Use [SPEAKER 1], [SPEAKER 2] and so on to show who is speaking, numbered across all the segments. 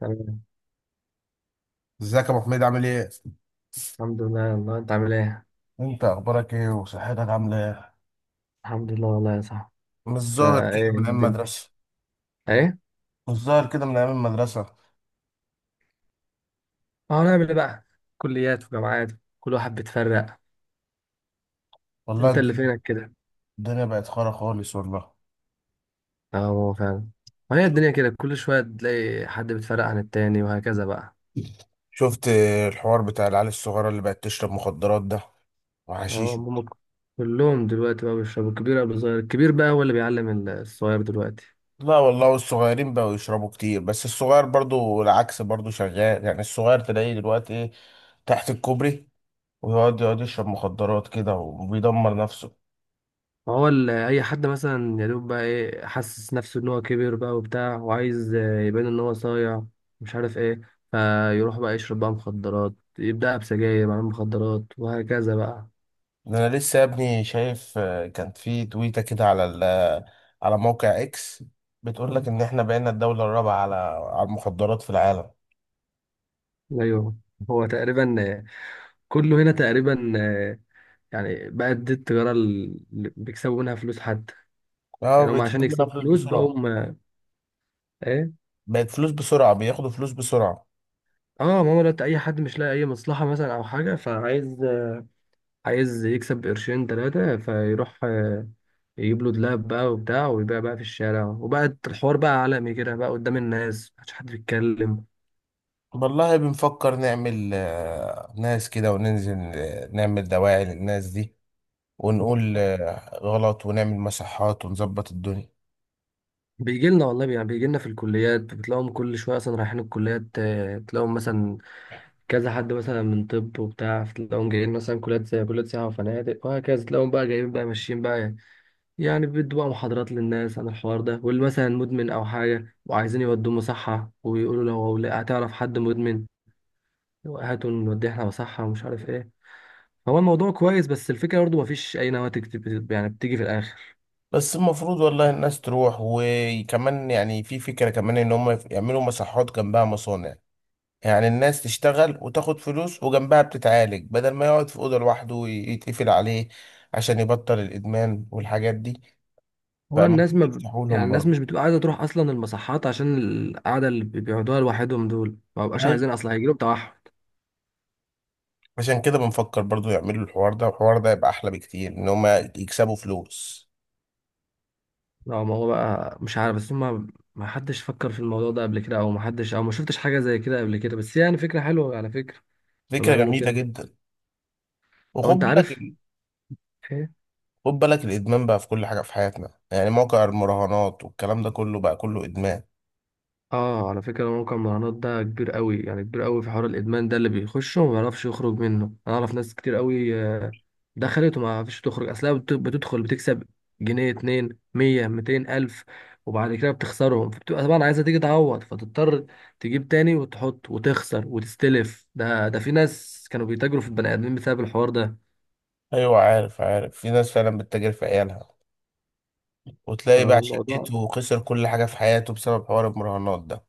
[SPEAKER 1] تمام.
[SPEAKER 2] ازيك يا ابو حميد؟ عامل ايه؟
[SPEAKER 1] الحمد لله والله، انت عامل ايه؟
[SPEAKER 2] انت اخبارك ايه وصحتك عامله ايه؟
[SPEAKER 1] الحمد لله والله يا صاحبي.
[SPEAKER 2] مش
[SPEAKER 1] انت
[SPEAKER 2] ظاهر كده
[SPEAKER 1] ايه
[SPEAKER 2] من ايام
[SPEAKER 1] الدنيا؟
[SPEAKER 2] المدرسة.
[SPEAKER 1] ايه؟
[SPEAKER 2] مش ظاهر كده من ايام المدرسه.
[SPEAKER 1] اه، نعمل ايه بقى؟ كليات وجامعات، كل واحد بيتفرق.
[SPEAKER 2] والله
[SPEAKER 1] انت اللي
[SPEAKER 2] الدنيا.
[SPEAKER 1] فينك كده.
[SPEAKER 2] الدنيا بقت خرا خالص والله.
[SPEAKER 1] اه هو فعلا، ما هي الدنيا كده، كل شوية تلاقي حد بيتفرق عن التاني وهكذا بقى.
[SPEAKER 2] شفت الحوار بتاع العيال الصغيرة اللي بقت تشرب مخدرات ده
[SPEAKER 1] اه
[SPEAKER 2] وحشيش.
[SPEAKER 1] هم، كلهم دلوقتي بقى بيشربوا، الكبير قبل الصغير، الكبير بقى هو اللي بيعلم الصغير دلوقتي.
[SPEAKER 2] لا والله، والصغيرين بقوا يشربوا كتير، بس الصغير برضو العكس، برضو شغال يعني. الصغير تلاقيه دلوقتي ايه، تحت الكوبري، ويقعد يشرب مخدرات كده وبيدمر نفسه.
[SPEAKER 1] ما هو اي حد مثلا يا دوب بقى ايه، حاسس نفسه ان هو كبر بقى وبتاع وعايز يبان ان هو صايع، مش عارف ايه، فيروح بقى يشرب بقى مخدرات، يبدأ بسجاير بعدين مخدرات وهكذا بقى.
[SPEAKER 2] ده انا لسه يا ابني شايف كان في تويته كده على على موقع اكس، بتقول لك ان احنا بقينا الدوله الرابعه على المخدرات في العالم.
[SPEAKER 1] ايوه، هو تقريبا كله هنا تقريبا، يعني بقت دي التجارة اللي بيكسبوا منها فلوس حتى،
[SPEAKER 2] اه
[SPEAKER 1] يعني هم عشان
[SPEAKER 2] بيكسبوا منها
[SPEAKER 1] يكسبوا
[SPEAKER 2] فلوس
[SPEAKER 1] فلوس
[SPEAKER 2] بسرعه.
[SPEAKER 1] ايه.
[SPEAKER 2] بقت فلوس بسرعه، بياخدوا فلوس بسرعه.
[SPEAKER 1] اه ماما، دلوقتي اي حد مش لاقي اي مصلحة مثلا او حاجة، فعايز عايز يكسب قرشين ثلاثة، فيروح يجيب له دولاب بقى وبتاع، ويبيع بقى في الشارع، وبقى الحوار بقى عالمي كده بقى قدام الناس، محدش حد بيتكلم.
[SPEAKER 2] والله بنفكر نعمل ناس كده وننزل نعمل دواعي للناس دي، ونقول غلط، ونعمل مصحات ونظبط الدنيا.
[SPEAKER 1] بيجي لنا والله، يعني بيجي لنا في الكليات، بتلاقيهم كل شويه اصلا رايحين الكليات، تلاقيهم مثلا كذا حد مثلا من طب وبتاع، تلاقيهم جايين مثلا كليات زي كليات سياحه وفنادق وهكذا، تلاقيهم بقى جايين بقى ماشيين بقى، يعني بيدوا بقى محاضرات للناس عن الحوار ده، واللي مثلا مدمن او حاجه وعايزين يودوه مصحه، ويقولوا لو هتعرف حد مدمن هاتوا نوديه احنا مصحه ومش عارف ايه. هو الموضوع كويس، بس الفكرة برضه مفيش أي نواتج يعني بتيجي في الآخر.
[SPEAKER 2] بس المفروض والله الناس تروح، وكمان يعني في فكرة كمان ان هم يعملوا مصحات جنبها مصانع، يعني الناس تشتغل وتاخد فلوس وجنبها بتتعالج، بدل ما يقعد في أوضة لوحده ويتقفل عليه عشان يبطل الإدمان والحاجات دي.
[SPEAKER 1] هو الناس
[SPEAKER 2] فالمفروض
[SPEAKER 1] ما ب...
[SPEAKER 2] يفتحوا
[SPEAKER 1] يعني
[SPEAKER 2] لهم
[SPEAKER 1] الناس مش
[SPEAKER 2] برضه.
[SPEAKER 1] بتبقى عايزة تروح أصلا المصحات، عشان القعدة اللي بيقعدوها لوحدهم دول، ما بقاش
[SPEAKER 2] أيوة.
[SPEAKER 1] عايزين أصلا، هيجيلهم توحد.
[SPEAKER 2] عشان كده بنفكر برضه يعملوا الحوار ده، والحوار ده يبقى أحلى بكتير إن هما يكسبوا فلوس.
[SPEAKER 1] لا ما هو بقى مش عارف، بس هما ما حدش فكر في الموضوع ده قبل كده، أو ما حدش أو ما شفتش حاجة زي كده قبل كده، بس يعني فكرة حلوة على فكرة لما
[SPEAKER 2] فكرة
[SPEAKER 1] يعملوا
[SPEAKER 2] جميلة
[SPEAKER 1] كده.
[SPEAKER 2] جدا.
[SPEAKER 1] أو
[SPEAKER 2] وخد
[SPEAKER 1] أنت
[SPEAKER 2] بالك،
[SPEAKER 1] عارف،
[SPEAKER 2] خد بالك الإدمان بقى في كل حاجة في حياتنا، يعني موقع المراهنات والكلام ده كله بقى كله إدمان.
[SPEAKER 1] اه على فكرة موقع المراهنات ده كبير قوي، يعني كبير قوي في حوار الإدمان ده، اللي بيخشه وما بيعرفش يخرج منه. أنا أعرف ناس كتير قوي دخلت وما عرفتش تخرج، أصلها بتدخل بتكسب جنيه اتنين، مية ميتين ألف، وبعد كده بتخسرهم، فبتبقى طبعا عايزة تيجي تعوض، فتضطر تجيب تاني وتحط وتخسر وتستلف. ده في ناس كانوا بيتاجروا في البني آدمين بسبب الحوار ده.
[SPEAKER 2] أيوة عارف، عارف. في ناس فعلا بتتاجر في عيالها، وتلاقي بقى
[SPEAKER 1] الموضوع
[SPEAKER 2] شقته وخسر كل حاجة في حياته بسبب حوار المراهنات ده.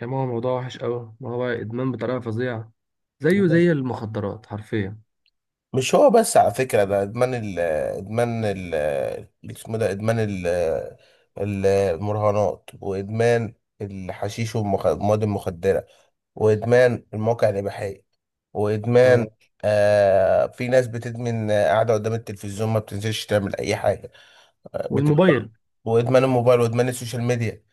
[SPEAKER 1] يعني، هو موضوع وحش قوي، ما هو إدمان بطريقة فظيعة، زيه
[SPEAKER 2] بس-
[SPEAKER 1] زي المخدرات حرفيا.
[SPEAKER 2] مش هو بس على فكرة. ده ادمان ال ادمان ال اسمه ده ادمان ال ال- المراهنات، وادمان الحشيش والمواد المخدرة، وادمان المواقع الإباحية، وادمان،
[SPEAKER 1] اه
[SPEAKER 2] في ناس بتدمن قاعدة قدام التلفزيون، ما بتنزلش تعمل أي حاجة. بتبقى
[SPEAKER 1] والموبايل.
[SPEAKER 2] وادمان الموبايل وادمان السوشيال ميديا.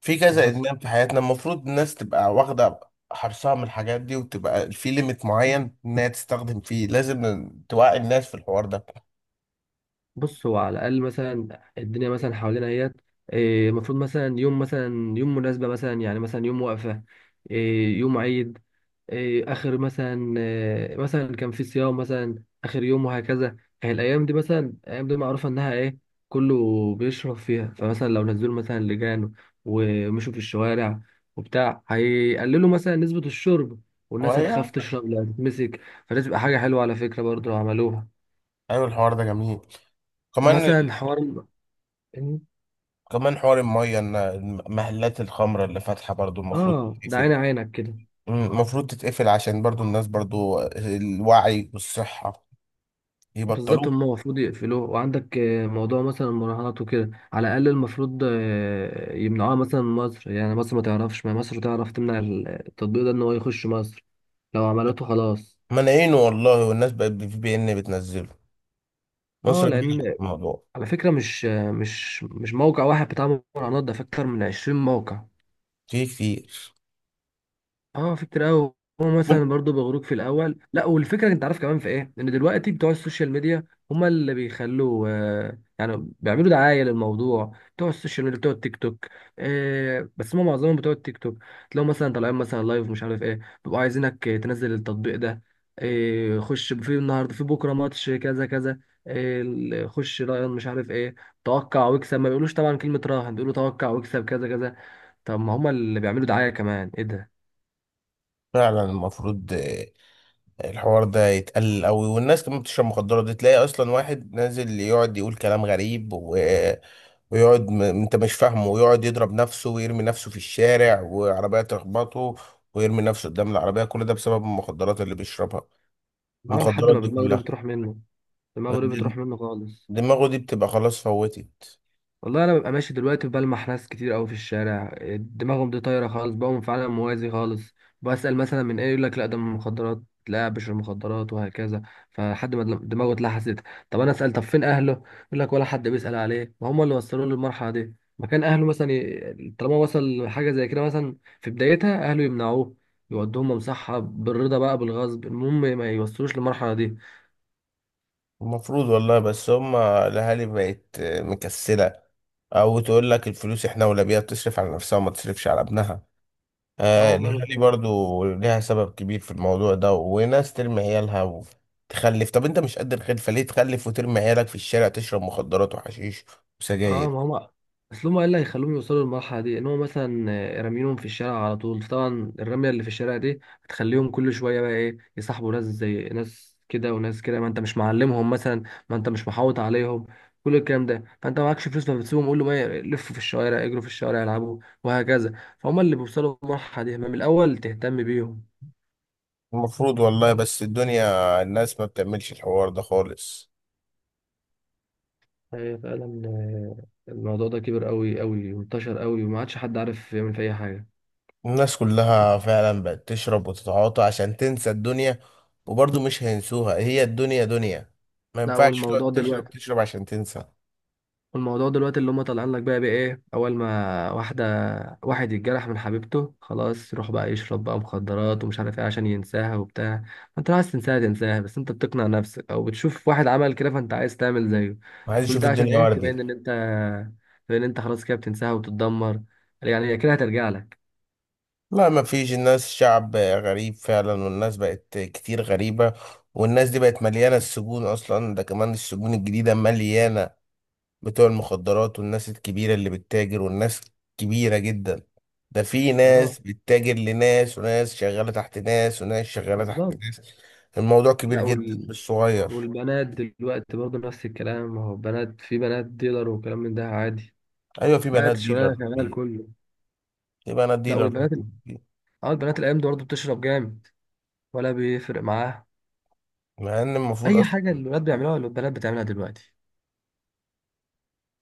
[SPEAKER 2] في
[SPEAKER 1] اللي
[SPEAKER 2] كذا
[SPEAKER 1] حصل،
[SPEAKER 2] ادمان في حياتنا، المفروض الناس تبقى واخده حرصها من الحاجات دي، وتبقى في ليميت معين انها تستخدم فيه. لازم توعي الناس في الحوار ده.
[SPEAKER 1] بص هو على الاقل مثلا الدنيا مثلا حوالينا اهيت، المفروض مثلا يوم مثلا يوم مناسبه مثلا، يعني مثلا يوم وقفه، يوم عيد، اخر مثلا مثلا كان في صيام مثلا اخر يوم وهكذا. يعني الايام دي مثلا، الايام دي معروفه انها ايه، كله بيشرب فيها. فمثلا لو نزلوا مثلا لجان ومشوا في الشوارع وبتاع، هيقللوا مثلا نسبه الشرب، والناس هتخاف
[SPEAKER 2] هواية.
[SPEAKER 1] تشرب لا تتمسك، فدي تبقى حاجه حلوه على فكره برضه لو عملوها.
[SPEAKER 2] ايوه الحوار ده جميل كمان.
[SPEAKER 1] ومثلا حوار إن-
[SPEAKER 2] كمان حوار الميه ان محلات الخمره اللي فاتحه برضو المفروض
[SPEAKER 1] اه ده عين
[SPEAKER 2] تتقفل.
[SPEAKER 1] عينك كده.
[SPEAKER 2] المفروض تتقفل عشان برضو الناس، برضو الوعي والصحه
[SPEAKER 1] بالظبط،
[SPEAKER 2] يبطلوه.
[SPEAKER 1] هم المفروض يقفلوه. وعندك موضوع مثلا المراهنات وكده، على الاقل المفروض يمنعوها مثلا من مصر، يعني مصر ما تعرفش، ما مصر تعرف تمنع التطبيق ده ان هو يخش مصر، لو عملته خلاص.
[SPEAKER 2] منعينه والله، والناس بقت في بي ان بتنزله.
[SPEAKER 1] اه
[SPEAKER 2] مصر منعت
[SPEAKER 1] لان
[SPEAKER 2] الموضوع.
[SPEAKER 1] على فكره، مش مش موقع واحد بتاع مراهنات ده، في اكتر من 20 موقع.
[SPEAKER 2] في كتير.
[SPEAKER 1] اه في كتير قوي. هو مثلا برضو بيغروك في الاول، لا والفكره انت عارف كمان في ايه، ان دلوقتي بتوع السوشيال ميديا هما اللي بيخلوا آه، يعني بيعملوا دعايه للموضوع، بتوع السوشيال ميديا بتوع التيك توك، آه بس هما معظمهم بتوع التيك توك، تلاقوا مثلا طالعين مثلا لايف مش عارف ايه، بيبقوا عايزينك تنزل التطبيق ده، آه خش في النهارده في بكره ماتش كذا كذا، آه خش راهن مش عارف ايه، توقع واكسب. ما بيقولوش طبعا كلمه راهن، بيقولوا توقع واكسب كذا كذا. طب ما هما اللي بيعملوا دعايه كمان، ايه ده.
[SPEAKER 2] فعلا المفروض الحوار ده يتقلل قوي. والناس كمان بتشرب مخدرات دي، تلاقي اصلا واحد نازل يقعد يقول كلام غريب، انت مش فاهمه، ويقعد يضرب نفسه ويرمي نفسه في الشارع وعربية تخبطه، ويرمي نفسه قدام العربية. كل ده بسبب المخدرات اللي بيشربها،
[SPEAKER 1] اه لحد
[SPEAKER 2] المخدرات
[SPEAKER 1] ما
[SPEAKER 2] دي
[SPEAKER 1] دماغه دي
[SPEAKER 2] كلها.
[SPEAKER 1] بتروح منه، دماغه دي
[SPEAKER 2] د-
[SPEAKER 1] بتروح منه خالص.
[SPEAKER 2] دماغه دي بتبقى خلاص فوتت.
[SPEAKER 1] والله انا ببقى ماشي دلوقتي، بلمح ناس كتير قوي في الشارع دماغهم دي طايره خالص، بقوا فعلا موازي خالص. بسأل مثلا من ايه، يقول لك لا ده من المخدرات، لا بشر المخدرات وهكذا. فلحد ما دماغه اتلحست. طب انا اسال طب فين اهله، يقول لك ولا حد بيسأل عليه، ما هم اللي وصلوه للمرحله دي. مكان اهله مثلا ي... طالما وصل لحاجه زي كده مثلا، في بدايتها اهله يمنعوه، يودوهم مصحه بالرضا بقى بالغصب، المهم ما يوصلوش للمرحله دي.
[SPEAKER 2] المفروض والله، بس هما الاهالي بقت مكسلة، او تقول لك الفلوس احنا ولا بيها، تصرف على نفسها وما تصرفش على ابنها.
[SPEAKER 1] اه والله بس.
[SPEAKER 2] ليها، برضو ليها سبب كبير في الموضوع ده. وناس ترمي عيالها وتخلف. طب انت مش قد الخلفة، ليه تخلف وترمي عيالك في الشارع تشرب مخدرات وحشيش
[SPEAKER 1] اه
[SPEAKER 2] وسجاير؟
[SPEAKER 1] ما هم، اصل هم ايه اللي هيخلوهم يوصلوا للمرحله دي، ان هم مثلا رامينهم في الشارع على طول. طبعا الرميه اللي في الشارع دي بتخليهم كل شويه بقى ايه، يصاحبوا ناس زي ناس كده وناس كده، ما انت مش معلمهم مثلا، ما انت مش محوط عليهم كل الكلام ده، فانت معكش فلوس فبتسيبهم، قول له ما لفوا في الشوارع اجروا في الشوارع العبوا وهكذا، فهم اللي بيوصلوا للمرحله دي، ما من الاول تهتم بيهم.
[SPEAKER 2] المفروض والله، بس الدنيا الناس ما بتعملش الحوار ده خالص.
[SPEAKER 1] هي فعلا، الموضوع ده كبر قوي قوي وانتشر قوي، وما عادش حد عارف يعمل في اي حاجه.
[SPEAKER 2] الناس كلها فعلا بقت تشرب وتتعاطى عشان تنسى الدنيا، وبرضو مش هينسوها، هي الدنيا دنيا، ما
[SPEAKER 1] لا
[SPEAKER 2] ينفعش تقعد
[SPEAKER 1] والموضوع
[SPEAKER 2] تشرب
[SPEAKER 1] دلوقتي،
[SPEAKER 2] تشرب عشان تنسى.
[SPEAKER 1] والموضوع دلوقتي اللي هم طالعين لك بقى بايه، اول ما واحده واحد يتجرح من حبيبته، خلاص يروح بقى يشرب بقى مخدرات ومش عارف ايه عشان ينساها وبتاع. ما انت لو عايز تنساها تنساها، بس انت بتقنع نفسك او بتشوف واحد عمل كده فانت عايز تعمل زيه.
[SPEAKER 2] وعايز
[SPEAKER 1] كل
[SPEAKER 2] اشوف
[SPEAKER 1] ده عشان
[SPEAKER 2] الدنيا
[SPEAKER 1] ايه، تبين ان
[SPEAKER 2] وردي.
[SPEAKER 1] انت، تبين ان انت خلاص كده بتنساها وبتتدمر، يعني هي كده هترجع لك.
[SPEAKER 2] لا ما فيش، الناس شعب غريب فعلا، والناس بقت كتير غريبة. والناس دي بقت مليانة السجون، أصلا ده كمان السجون الجديدة مليانة بتوع المخدرات، والناس الكبيرة اللي بتتاجر، والناس كبيرة جدا. ده في
[SPEAKER 1] اه
[SPEAKER 2] ناس بتتاجر لناس، وناس شغالة تحت ناس، وناس شغالة تحت
[SPEAKER 1] بالظبط.
[SPEAKER 2] ناس. الموضوع كبير
[SPEAKER 1] لا
[SPEAKER 2] جدا
[SPEAKER 1] وال...
[SPEAKER 2] مش صغير.
[SPEAKER 1] والبنات دلوقتي برضه نفس الكلام، ما هو بنات في بنات ديلر وكلام من ده عادي،
[SPEAKER 2] أيوة في
[SPEAKER 1] بقت
[SPEAKER 2] بنات
[SPEAKER 1] الشغلانه
[SPEAKER 2] ديلر،
[SPEAKER 1] شغاله
[SPEAKER 2] في،
[SPEAKER 1] الكل.
[SPEAKER 2] في بنات
[SPEAKER 1] لا
[SPEAKER 2] ديلر.
[SPEAKER 1] والبنات، اه البنات الايام دي برضه بتشرب جامد، ولا بيفرق معاها
[SPEAKER 2] مع إن المفروض
[SPEAKER 1] اي
[SPEAKER 2] أصلا،
[SPEAKER 1] حاجه، الولاد بيعملوها ولا البنات بتعملها دلوقتي.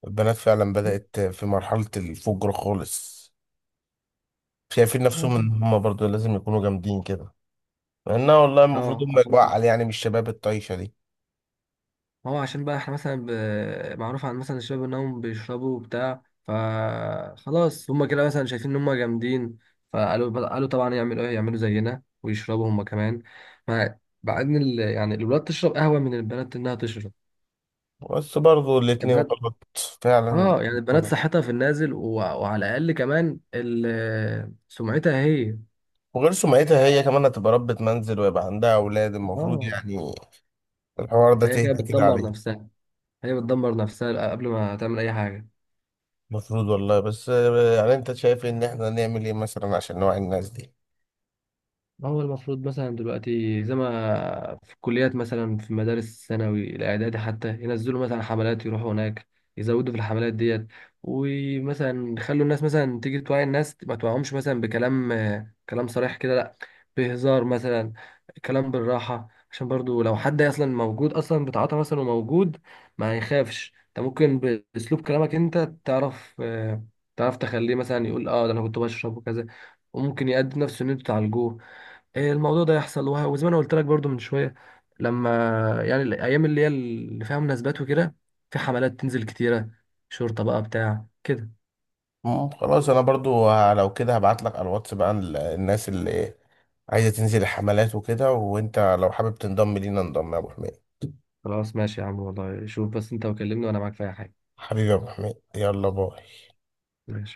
[SPEAKER 2] البنات فعلا بدأت في مرحلة الفجر خالص، شايفين نفسهم ان هم برضو لازم يكونوا جامدين كده، مع انها والله المفروض
[SPEAKER 1] اه
[SPEAKER 2] هم
[SPEAKER 1] عشان
[SPEAKER 2] يبقوا
[SPEAKER 1] كده،
[SPEAKER 2] اعقل، يعني مش شباب الطايشه دي.
[SPEAKER 1] هو عشان بقى احنا مثلا ب... معروف عن مثلا الشباب انهم بيشربوا وبتاع، فخلاص هما كده مثلا شايفين ان هما جامدين، فقالوا قالوا طبعا يعملوا ايه، يعملوا زينا ويشربوا هما كمان. مع مع ان ال... يعني الولاد تشرب قهوه، من البنات انها تشرب،
[SPEAKER 2] بس برضو الاتنين
[SPEAKER 1] البنات
[SPEAKER 2] غلط، فعلا
[SPEAKER 1] اه يعني
[SPEAKER 2] الاتنين
[SPEAKER 1] البنات
[SPEAKER 2] غلط.
[SPEAKER 1] صحتها في النازل و... وعلى الاقل كمان ال... سمعتها هي.
[SPEAKER 2] وغير سمعتها، هي كمان هتبقى ربة منزل ويبقى عندها اولاد، المفروض
[SPEAKER 1] اه
[SPEAKER 2] يعني الحوار ده
[SPEAKER 1] فهي كده
[SPEAKER 2] تهدى كده
[SPEAKER 1] بتدمر
[SPEAKER 2] عليه.
[SPEAKER 1] نفسها، هي بتدمر نفسها قبل ما تعمل أي حاجة.
[SPEAKER 2] المفروض والله، بس يعني انت شايف ان احنا نعمل ايه مثلا عشان نوعي الناس دي؟
[SPEAKER 1] ما هو المفروض مثلا دلوقتي زي ما في الكليات، مثلا في مدارس الثانوي الإعدادي حتى، ينزلوا مثلا حملات يروحوا هناك، يزودوا في الحملات ديت، ومثلا يخلوا الناس مثلا تيجي توعي الناس، ما توعهمش مثلا بكلام كلام صريح كده لا، بهزار مثلا، كلام بالراحة، عشان برضو لو حد أصلا موجود أصلا بتعاطى مثلا وموجود ما يخافش، أنت ممكن بأسلوب كلامك أنت تعرف تعرف تخليه مثلا يقول اه ده أنا كنت بشرب وكذا، وممكن يأدي نفسه إن أنتوا تعالجوه. الموضوع ده يحصل وزي ما انا قلت لك برضو من شويه، لما، يعني الايام اللي هي اللي فيها مناسبات وكده، في حملات تنزل كتيره، شرطه بقى بتاع كده.
[SPEAKER 2] خلاص انا برضو لو كده هبعت لك على الواتس بقى الناس اللي عايزه تنزل الحملات وكده، وانت لو حابب تنضم لينا انضم يا ابو حميد.
[SPEAKER 1] خلاص ماشي يا عم، والله شوف بس انت وكلمني وانا معاك في اي حاجه.
[SPEAKER 2] حبيبي يا ابو حميد، يلا باي.
[SPEAKER 1] ماشي.